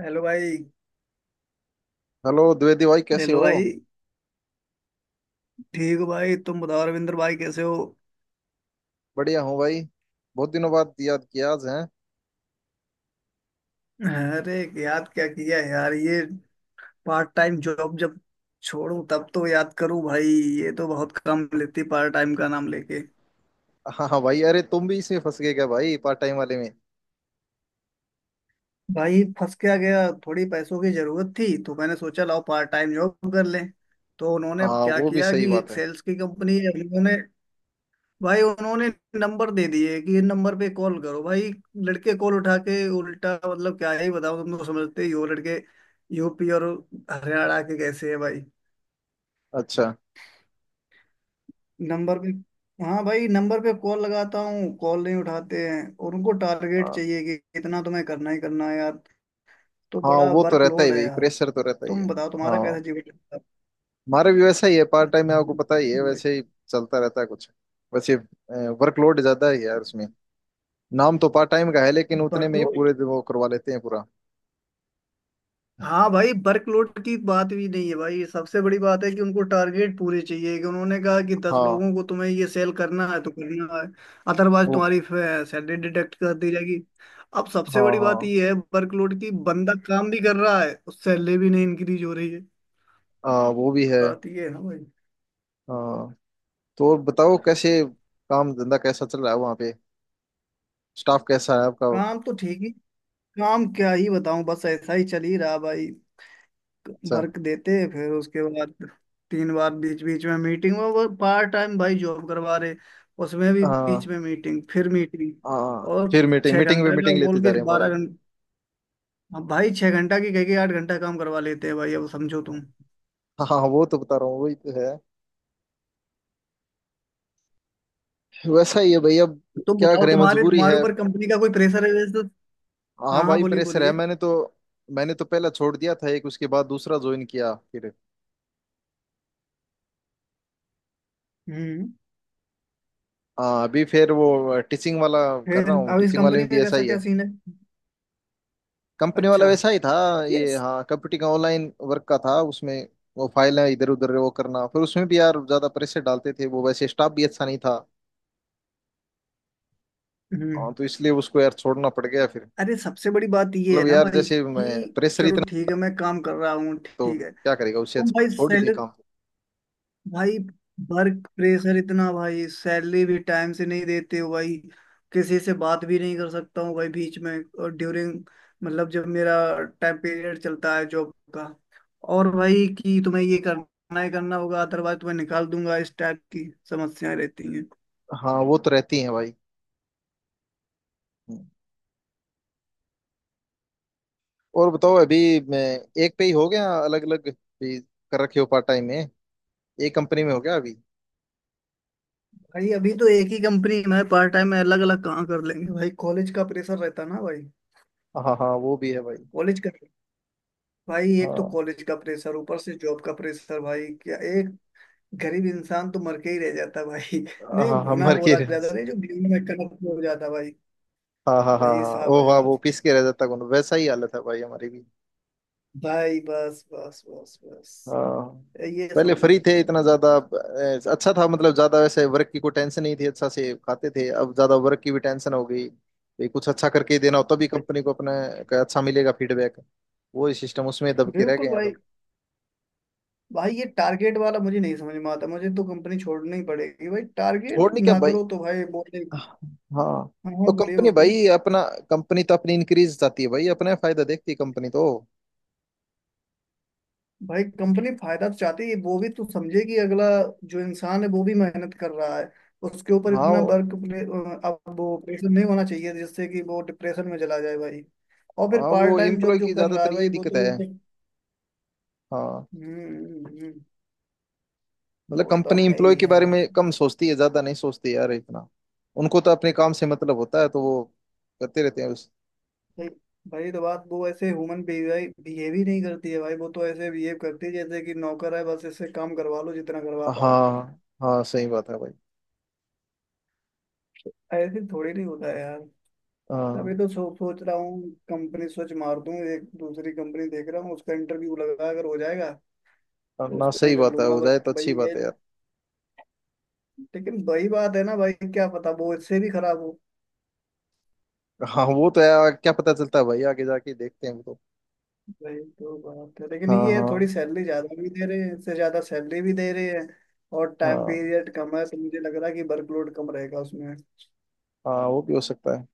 Hello भाई। Hello Dwivedi भाई, कैसे हेलो हो। भाई, ठीक हो? भाई तुम बताओ, रविंद्र भाई कैसे हो? बढ़िया हूँ भाई। बहुत दिनों बाद याद किया आज हैं। अरे, याद क्या किया यार, ये पार्ट टाइम जॉब जब छोड़ूं तब तो याद करूं भाई। ये तो बहुत काम लेती, पार्ट टाइम का नाम लेके। हाँ हाँ भाई, अरे तुम भी इसमें फंस गए क्या भाई, पार्ट टाइम वाले में। भाई फंस क्या गया, थोड़ी पैसों की जरूरत थी तो मैंने सोचा लाओ पार्ट टाइम जॉब कर लें। तो उन्होंने हाँ क्या वो भी किया सही कि बात एक है। सेल्स की कंपनी है उन्होंने। भाई उन्होंने नंबर दे दिए कि ये नंबर पे कॉल करो भाई। लड़के कॉल उठा के उल्टा, मतलब क्या ही बताओ, तुम तो समझते ही हो लड़के यूपी और हरियाणा के कैसे हैं भाई। अच्छा। नंबर पे, हाँ भाई नंबर पे कॉल लगाता हूँ, कॉल नहीं उठाते हैं, और उनको टारगेट हाँ चाहिए कि इतना तुम्हें करना ही करना है यार। तो हाँ, बड़ा वो तो रहता ही वर्कलोड है भाई, यार। प्रेशर तो रहता ही तुम है। बताओ तुम्हारा कैसा हाँ। जीवन चलता है? हमारे भी वैसा ही है, पार्ट टाइम में आपको पता ही है भाई वैसे ही। चलता रहता है कुछ। वैसे वर्कलोड ज्यादा ही है यार उसमें। नाम तो पार्ट टाइम का है लेकिन उतने में ही वर्कलोड। पूरे दिन वो करवा लेते हैं पूरा। हाँ भाई, वर्कलोड की बात भी नहीं है भाई, सबसे बड़ी बात है कि उनको टारगेट पूरे चाहिए, कि उन्होंने कहा कि 10 हाँ लोगों को तुम्हें ये सेल करना है तो करना है, अदरवाइज वो। तुम्हारी सैलरी डिडक्ट कर दी जाएगी। अब सबसे हाँ बड़ी हाँ। बात ये है वर्कलोड की, बंदा काम भी कर रहा है और सैलरी भी नहीं इंक्रीज हो रही है। हाँ, वो भी है। बात ये है ना भाई। हाँ, तो और बताओ कैसे काम धंधा कैसा चल रहा है वहाँ पे। स्टाफ कैसा है आपका। काम तो ठीक ही, काम क्या ही बताऊं, बस ऐसा ही चल ही रहा भाई। अच्छा। वर्क देते, फिर उसके बाद 3 बार बीच बीच में मीटिंग, वो पार्ट टाइम भाई जॉब करवा रहे, उसमें भी बीच हाँ में मीटिंग, फिर मीटिंग। हाँ, और फिर मीटिंग छह मीटिंग पे घंटा का मीटिंग लेते बोल जा के रहे हैं बारह भाई। घंटा अब भाई 6 घंटा की कह के 8 घंटा काम करवा लेते हैं भाई, अब समझो तुम। हाँ हाँ, वो तो बता रहा हूँ, वही तो है। वैसा ही है भाई अब। तुम क्या बताओ करें, तुम्हारे मजबूरी तुम्हारे है। ऊपर कंपनी का कोई प्रेशर है वैसे तो? हाँ हाँ हाँ, भाई, बोलिए प्रेशर है। बोलिए। मैंने तो पहला छोड़ दिया था एक, उसके बाद दूसरा ज्वाइन किया फिर। हम्म। हाँ अभी फिर वो टीचिंग वाला कर फिर रहा हूँ, अब इस टीचिंग वाले कंपनी में का भी ऐसा कैसा ही क्या है। सीन है? कंपनी वाला अच्छा। वैसा ही था। ये यस। हाँ कंप्यूटिंग ऑनलाइन वर्क का था उसमें। वो फाइल है इधर उधर वो करना, फिर उसमें भी यार ज्यादा प्रेशर डालते थे वो, वैसे स्टाफ भी अच्छा नहीं था। हम्म। हाँ, तो इसलिए उसको यार छोड़ना पड़ गया फिर। अरे सबसे बड़ी बात ये है मतलब ना यार भाई जैसे मैं कि प्रेशर चलो इतना, ठीक है, मैं काम कर रहा हूँ तो ठीक है। क्या करेगा, उससे तुम अच्छा भाई छोड़ दे सैलरी, काम। भाई वर्क प्रेशर इतना, भाई सैलरी भी टाइम से नहीं देते हो भाई, किसी से बात भी नहीं कर सकता हूँ भाई बीच में। और ड्यूरिंग, मतलब जब मेरा टाइम पीरियड चलता है जॉब का, और भाई कि तुम्हें ये करना ही करना होगा, अदरवाइज तुम्हें निकाल दूंगा, इस टाइप की समस्याएं रहती हैं। हाँ वो तो रहती है भाई। हम्म। और बताओ अभी, मैं एक पे ही हो गया, अलग अलग भी कर रखे हो पार्ट टाइम में। एक कंपनी में हो गया अभी। भाई अभी तो एक ही कंपनी में, पार्ट टाइम में अलग अलग कहाँ कर लेंगे भाई, कॉलेज का प्रेशर रहता ना भाई। हाँ हाँ वो भी है भाई। कॉलेज का, भाई एक तो हाँ कॉलेज का प्रेशर, ऊपर से जॉब का प्रेशर, भाई क्या एक गरीब इंसान तो मर के ही रह जाता भाई। नहीं हाँ हाँ घुना बोला जाता मर्केरियस। नहीं जो बीवी में कन्वर्ट हो जाता भाई। हाँ हाँ हाँ भाई हाँ साहब ओ है हाँ वो यार। पीस के रह जाता कौन, वैसा ही हालत है भाई हमारी भी। भाई बस बस बस बस, हाँ ये पहले समझो। फ्री थे इतना ज्यादा अच्छा था, मतलब ज्यादा वैसे वर्क की कोई टेंशन नहीं थी, अच्छा से खाते थे। अब ज्यादा वर्क की भी टेंशन हो गई भाई, कुछ अच्छा करके ही देना हो तभी भाई कंपनी को अपने का अच्छा मिलेगा फीडबैक। वो सिस्टम उसमें दब के रह गए बिल्कुल। हैं भाई अपन। भाई ये टारगेट वाला मुझे नहीं समझ में आता, मुझे तो कंपनी छोड़नी ही पड़ेगी भाई, टारगेट छोड़नी क्या ना भाई। करो तो भाई बोले। हाँ हाँ हाँ, तो बोलिए कंपनी बोलिए। भाई अपना, कंपनी तो अपनी इंक्रीज चाहती है भाई, अपने फायदा देखती है कंपनी तो। भाई कंपनी फायदा तो चाहती है, वो भी तो समझे कि अगला जो इंसान है वो भी मेहनत कर रहा है, उसके ऊपर हाँ इतना वर्क। अब वो प्रेशर नहीं होना चाहिए जिससे कि वो डिप्रेशन में चला जाए भाई। और फिर हाँ पार्ट वो टाइम जॉब एम्प्लॉय जो की कर रहा है ज्यादातर भाई ये वो दिक्कत तो, है। हम्म। हाँ हम्म, हम्म, मतलब वो तो कंपनी है ही एम्प्लॉय के बारे यार में कम सोचती है, ज्यादा नहीं सोचती यार इतना। उनको तो अपने काम से मतलब होता है तो वो करते रहते हैं उस। भाई। भाई तो बात वो, ऐसे ह्यूमन बिहेव ही नहीं करती है भाई, वो तो ऐसे बिहेव करती है जैसे कि नौकर है, बस इससे काम करवा लो जितना करवा पाओ। हाँ हाँ सही बात है भाई। ऐसे थोड़ी नहीं होता है यार। तभी हाँ तो सोच रहा हूँ, कंपनी स्विच मार दूँ, एक दूसरी कंपनी देख रहा हूँ, उसका इंटरव्यू लगा, अगर हो जाएगा तो ना उसमें सही कर बात है, लूंगा, हो जाए बट तो अच्छी भाई ये, बात है यार। लेकिन वही बात है ना भाई, क्या पता वो इससे भी खराब हो। हाँ वो तो यार, क्या पता चलता है भाई, आगे जाके देखते हैं वो तो। भाई तो बात है, लेकिन हाँ ये है थोड़ी हाँ सैलरी ज्यादा भी दे रहे हैं, इससे ज्यादा सैलरी भी दे रहे हैं, और टाइम हाँ पीरियड कम है, तो मुझे लग रहा है कि वर्कलोड कम रहेगा उसमें। हाँ वो भी हो सकता है।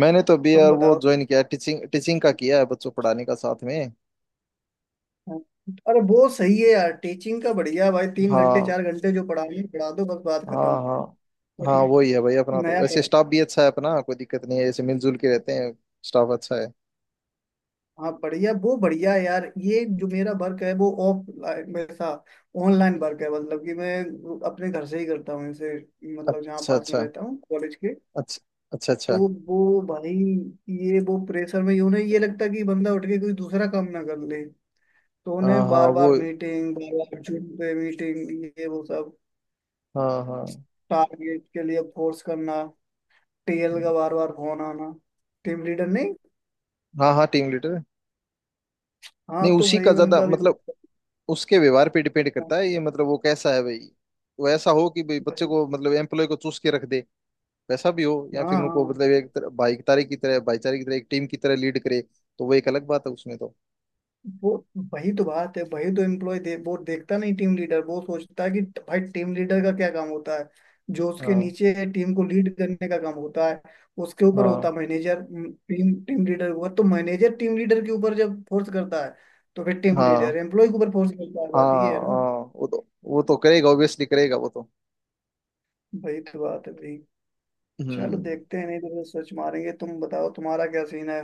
मैंने तो अभी तुम यार वो बताओ। ज्वाइन किया है, टीचिंग टीचिंग का किया है, बच्चों पढ़ाने का साथ में। अरे वो सही है यार, टीचिंग का बढ़िया भाई, 3 घंटे हाँ 4 घंटे जो पढ़ानी है, पढ़ा दो, बस बात खत्म। हाँ हाँ कुछ हाँ वही है भाई अपना। तो नया वैसे पढ़ा। स्टाफ भी अच्छा है अपना, कोई दिक्कत नहीं है, ऐसे मिलजुल के रहते हैं। स्टाफ अच्छा है। हाँ बढ़िया, वो बढ़िया है यार। ये जो मेरा वर्क है वो ऑफलाइन में था, ऑनलाइन वर्क है, मतलब कि मैं अपने घर से ही करता हूँ इसे, मतलब जहाँ अच्छा पास में अच्छा। रहता हूँ कॉलेज के। अच्छा। अच्छा तो अच्छा। वो भाई, ये वो प्रेशर में यूं नहीं ये लगता कि बंदा उठ के कोई दूसरा काम ना कर ले, तो हाँ उन्हें हाँ बार बार वो। मीटिंग, बार बार जूम पे मीटिंग, ये वो सब, हाँ हाँ। टारगेट के लिए फोर्स करना, टेल का बार बार फोन आना, टीम लीडर नहीं? हाँ हाँ टीम लीडर। हाँ नहीं तो उसी का भाई ज्यादा उनका भी मतलब, pressure उसके व्यवहार पे डिपेंड था। करता है ये, मतलब वो कैसा है भाई। वो ऐसा हो कि भाई बच्चे भाई, को मतलब एम्प्लॉय को चूस के रख दे वैसा भी हो, या हाँ फिर उनको हाँ मतलब एक तरह भाईचारे की तरह भाईचारे की तरह एक टीम की तरह लीड करे। तो वो एक अलग बात है उसमें तो। वो, वही तो बात है, वही तो एम्प्लॉय वो देखता नहीं टीम लीडर, वो सोचता है कि भाई टीम लीडर का क्या काम होता है, जो उसके हाँ नीचे टीम को लीड करने का काम होता है, उसके ऊपर होता हाँ। है मैनेजर। टीम टीम लीडर के ऊपर तो मैनेजर, टीम लीडर के ऊपर जब फोर्स करता है, तो फिर टीम लीडर हाँ एम्प्लॉय के ऊपर फोर्स करता है, हाँ बात ये है ना। हाँ वो तो करेगा, ऑब्वियसली करेगा वो तो। वही तो बात है भाई। चलो हम्म। देखते हैं, नहीं तो फिर सर्च मारेंगे। तुम बताओ तुम्हारा क्या सीन है?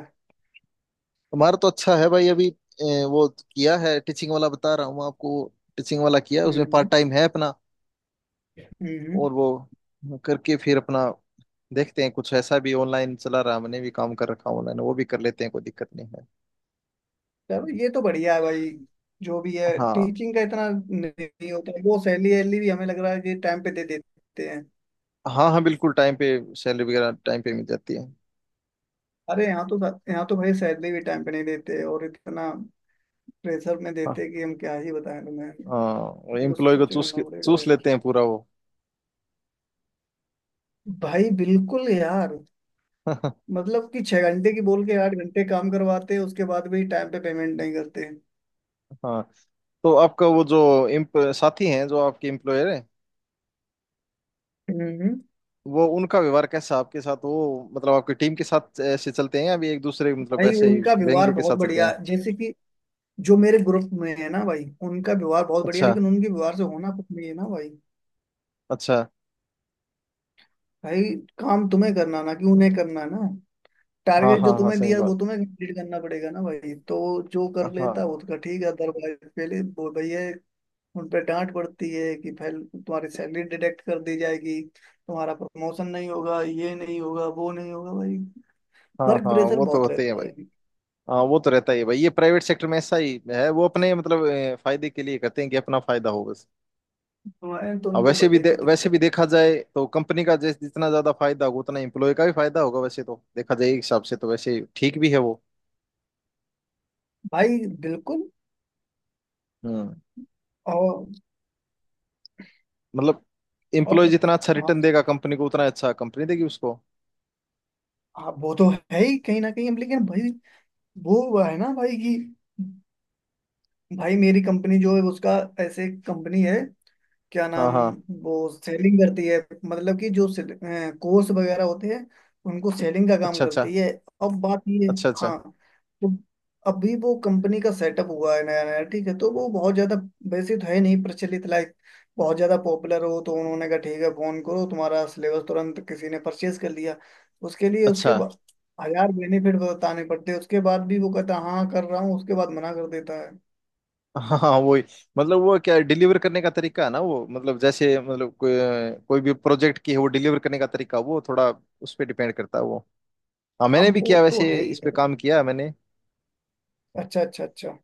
हमारा तो अच्छा है भाई। अभी वो किया है टीचिंग वाला, बता रहा हूँ आपको। टीचिंग वाला किया है, उसमें पार्ट हम्म। टाइम है अपना। हम्म। और वो करके फिर अपना देखते हैं। कुछ ऐसा भी ऑनलाइन चला रहा, मैंने भी काम कर रखा ऑनलाइन, वो भी कर लेते हैं कोई दिक्कत नहीं है। चलो ये तो बढ़िया है भाई। जो भी है हाँ टीचिंग का इतना नहीं होता है, वो सैलरी वैलरी भी हमें लग रहा है कि टाइम पे दे देते हैं। हाँ। हाँ बिल्कुल टाइम पे, सैलरी वगैरह टाइम पे मिल जाती है। अरे यहाँ तो, यहाँ तो भाई सैलरी भी टाइम पे नहीं देते, और इतना प्रेशर में देते हाँ हैं कि हम क्या ही बताएं तुम्हें। हाँ ये कुछ एम्प्लॉय को सोच करना पड़ेगा चूस यार। लेते हैं पूरा वो। भाई बिल्कुल यार। मतलब कि 6 घंटे की बोल के 8 घंटे काम करवाते हैं, उसके बाद भी टाइम पे पेमेंट नहीं करते। हाँ तो आपका वो जो एम्प साथी हैं जो आपके एम्प्लॉयर है, हम्म। वो उनका व्यवहार कैसा आपके साथ, वो मतलब आपकी टीम के साथ ऐसे चलते हैं या भी एक दूसरे मतलब भाई ऐसे ही उनका व्यवहार व्यंग्य के बहुत साथ चलते बढ़िया हैं। है। जैसे कि जो मेरे ग्रुप में है ना भाई, उनका व्यवहार बहुत बढ़िया, अच्छा लेकिन उनके व्यवहार से होना कुछ नहीं है ना भाई। अच्छा। भाई काम तुम्हें करना ना, कि उन्हें करना ना? हाँ टारगेट जो हाँ हाँ तुम्हें सही दिया वो बात। तुम्हें कंप्लीट करना पड़ेगा ना भाई, तो जो कर लेता हाँ वो उसका ठीक है, अदरवाइज पहले वो भैया उन पर डांट पड़ती है कि पहले तुम्हारी सैलरी डिडक्ट कर दी जाएगी, तुम्हारा प्रमोशन नहीं होगा, ये नहीं होगा, वो नहीं होगा भाई। हाँ वर्क हाँ प्रेशर वो तो बहुत होते हैं रहता भाई। है। हाँ वो तो रहता ही है भाई, ये प्राइवेट सेक्टर में ऐसा ही है। वो अपने मतलब फायदे के लिए करते हैं कि अपना फायदा हो बस। तुम्हारे तो और उनको वैसे भी भाई तो दिखता वैसे भी है। देखा जाए तो कंपनी का, जैसे जितना ज्यादा फायदा होगा उतना एम्प्लॉय का भी फायदा होगा, वैसे तो देखा जाए एक हिसाब से तो वैसे ठीक भी है वो। भाई बिल्कुल। हम्म और मतलब और एम्प्लॉय जितना अच्छा हाँ रिटर्न देगा कंपनी को, उतना अच्छा कंपनी देगी उसको। हाँ, वो तो है ही कहीं ना कहीं, अब लेकिन भाई, वो है ना भाई कि भाई मेरी कंपनी जो है उसका, ऐसे कंपनी है क्या हाँ नाम, हाँ। वो सेलिंग करती है, मतलब कि जो कोर्स वगैरह होते हैं उनको सेलिंग का काम अच्छा अच्छा। करती है। अब बात ये, अच्छा अच्छा हाँ, तो अभी वो कंपनी का सेटअप हुआ है नया नया, ठीक है, तो वो बहुत ज्यादा, वैसे तो है नहीं प्रचलित, लाइक बहुत ज्यादा पॉपुलर हो, तो उन्होंने कहा ठीक है फोन करो तुम्हारा सिलेबस तुरंत किसी ने परचेज कर लिया उसके लिए, अच्छा। उसके बाद हजार बेनिफिट बताने पड़ते हैं, उसके बाद भी वो कहता है हाँ कर रहा हूँ, उसके बाद मना कर देता है। हाँ हाँ, वही। मतलब वो क्या डिलीवर करने का तरीका है ना वो, मतलब जैसे मतलब कोई कोई भी प्रोजेक्ट की है, वो डिलीवर करने का तरीका वो थोड़ा उस पर डिपेंड करता है वो। हाँ मैंने अब भी वो किया तो वैसे है ही इस पे, है। काम किया है मैंने। अच्छा अच्छा अच्छा।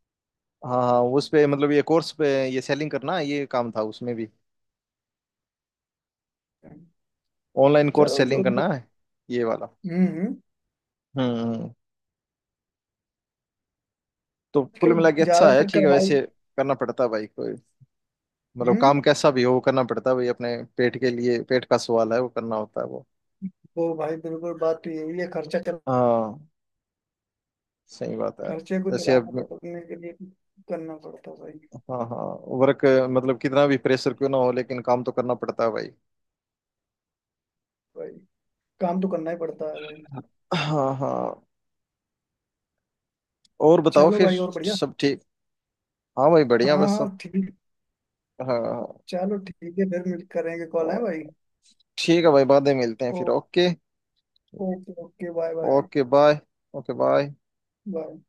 हाँ हाँ उस पे मतलब ये कोर्स पे ये सेलिंग करना ये काम था, उसमें भी ऑनलाइन कोर्स चलो सेलिंग करना है, ये वाला। हम्म हम्म। हम्म। तो कुल आजकल मिला के अच्छा है, ज्यादातर ठीक है करवाई। वैसे। करना पड़ता है भाई, कोई मतलब हम्म। काम कैसा भी हो वो करना पड़ता है भाई। अपने पेट के लिए, पेट का सवाल है, वो करना होता है वो। वो भाई बिल्कुल, बात तो यही है, खर्चा चल, हाँ सही बात है। खर्चे को जैसे चलाना अब, पड़ने के लिए करना पड़ता है भाई। हाँ हाँ वर्क, मतलब कितना भी प्रेशर क्यों ना हो लेकिन काम तो करना पड़ता है भाई। भाई काम तो करना ही पड़ता है भाई। हाँ हाँ। और बताओ चलो फिर, भाई और बढ़िया। सब ठीक। हाँ भाई बढ़िया, हाँ बस सब। हाँ ठीक। हाँ हाँ, चलो ठीक है, फिर मिल करेंगे, कॉल है तो भाई। ठीक है भाई, बाद में मिलते हैं ओ, फिर। Okay. Okay okay, bye bye okay bye. Okay bye. Bye.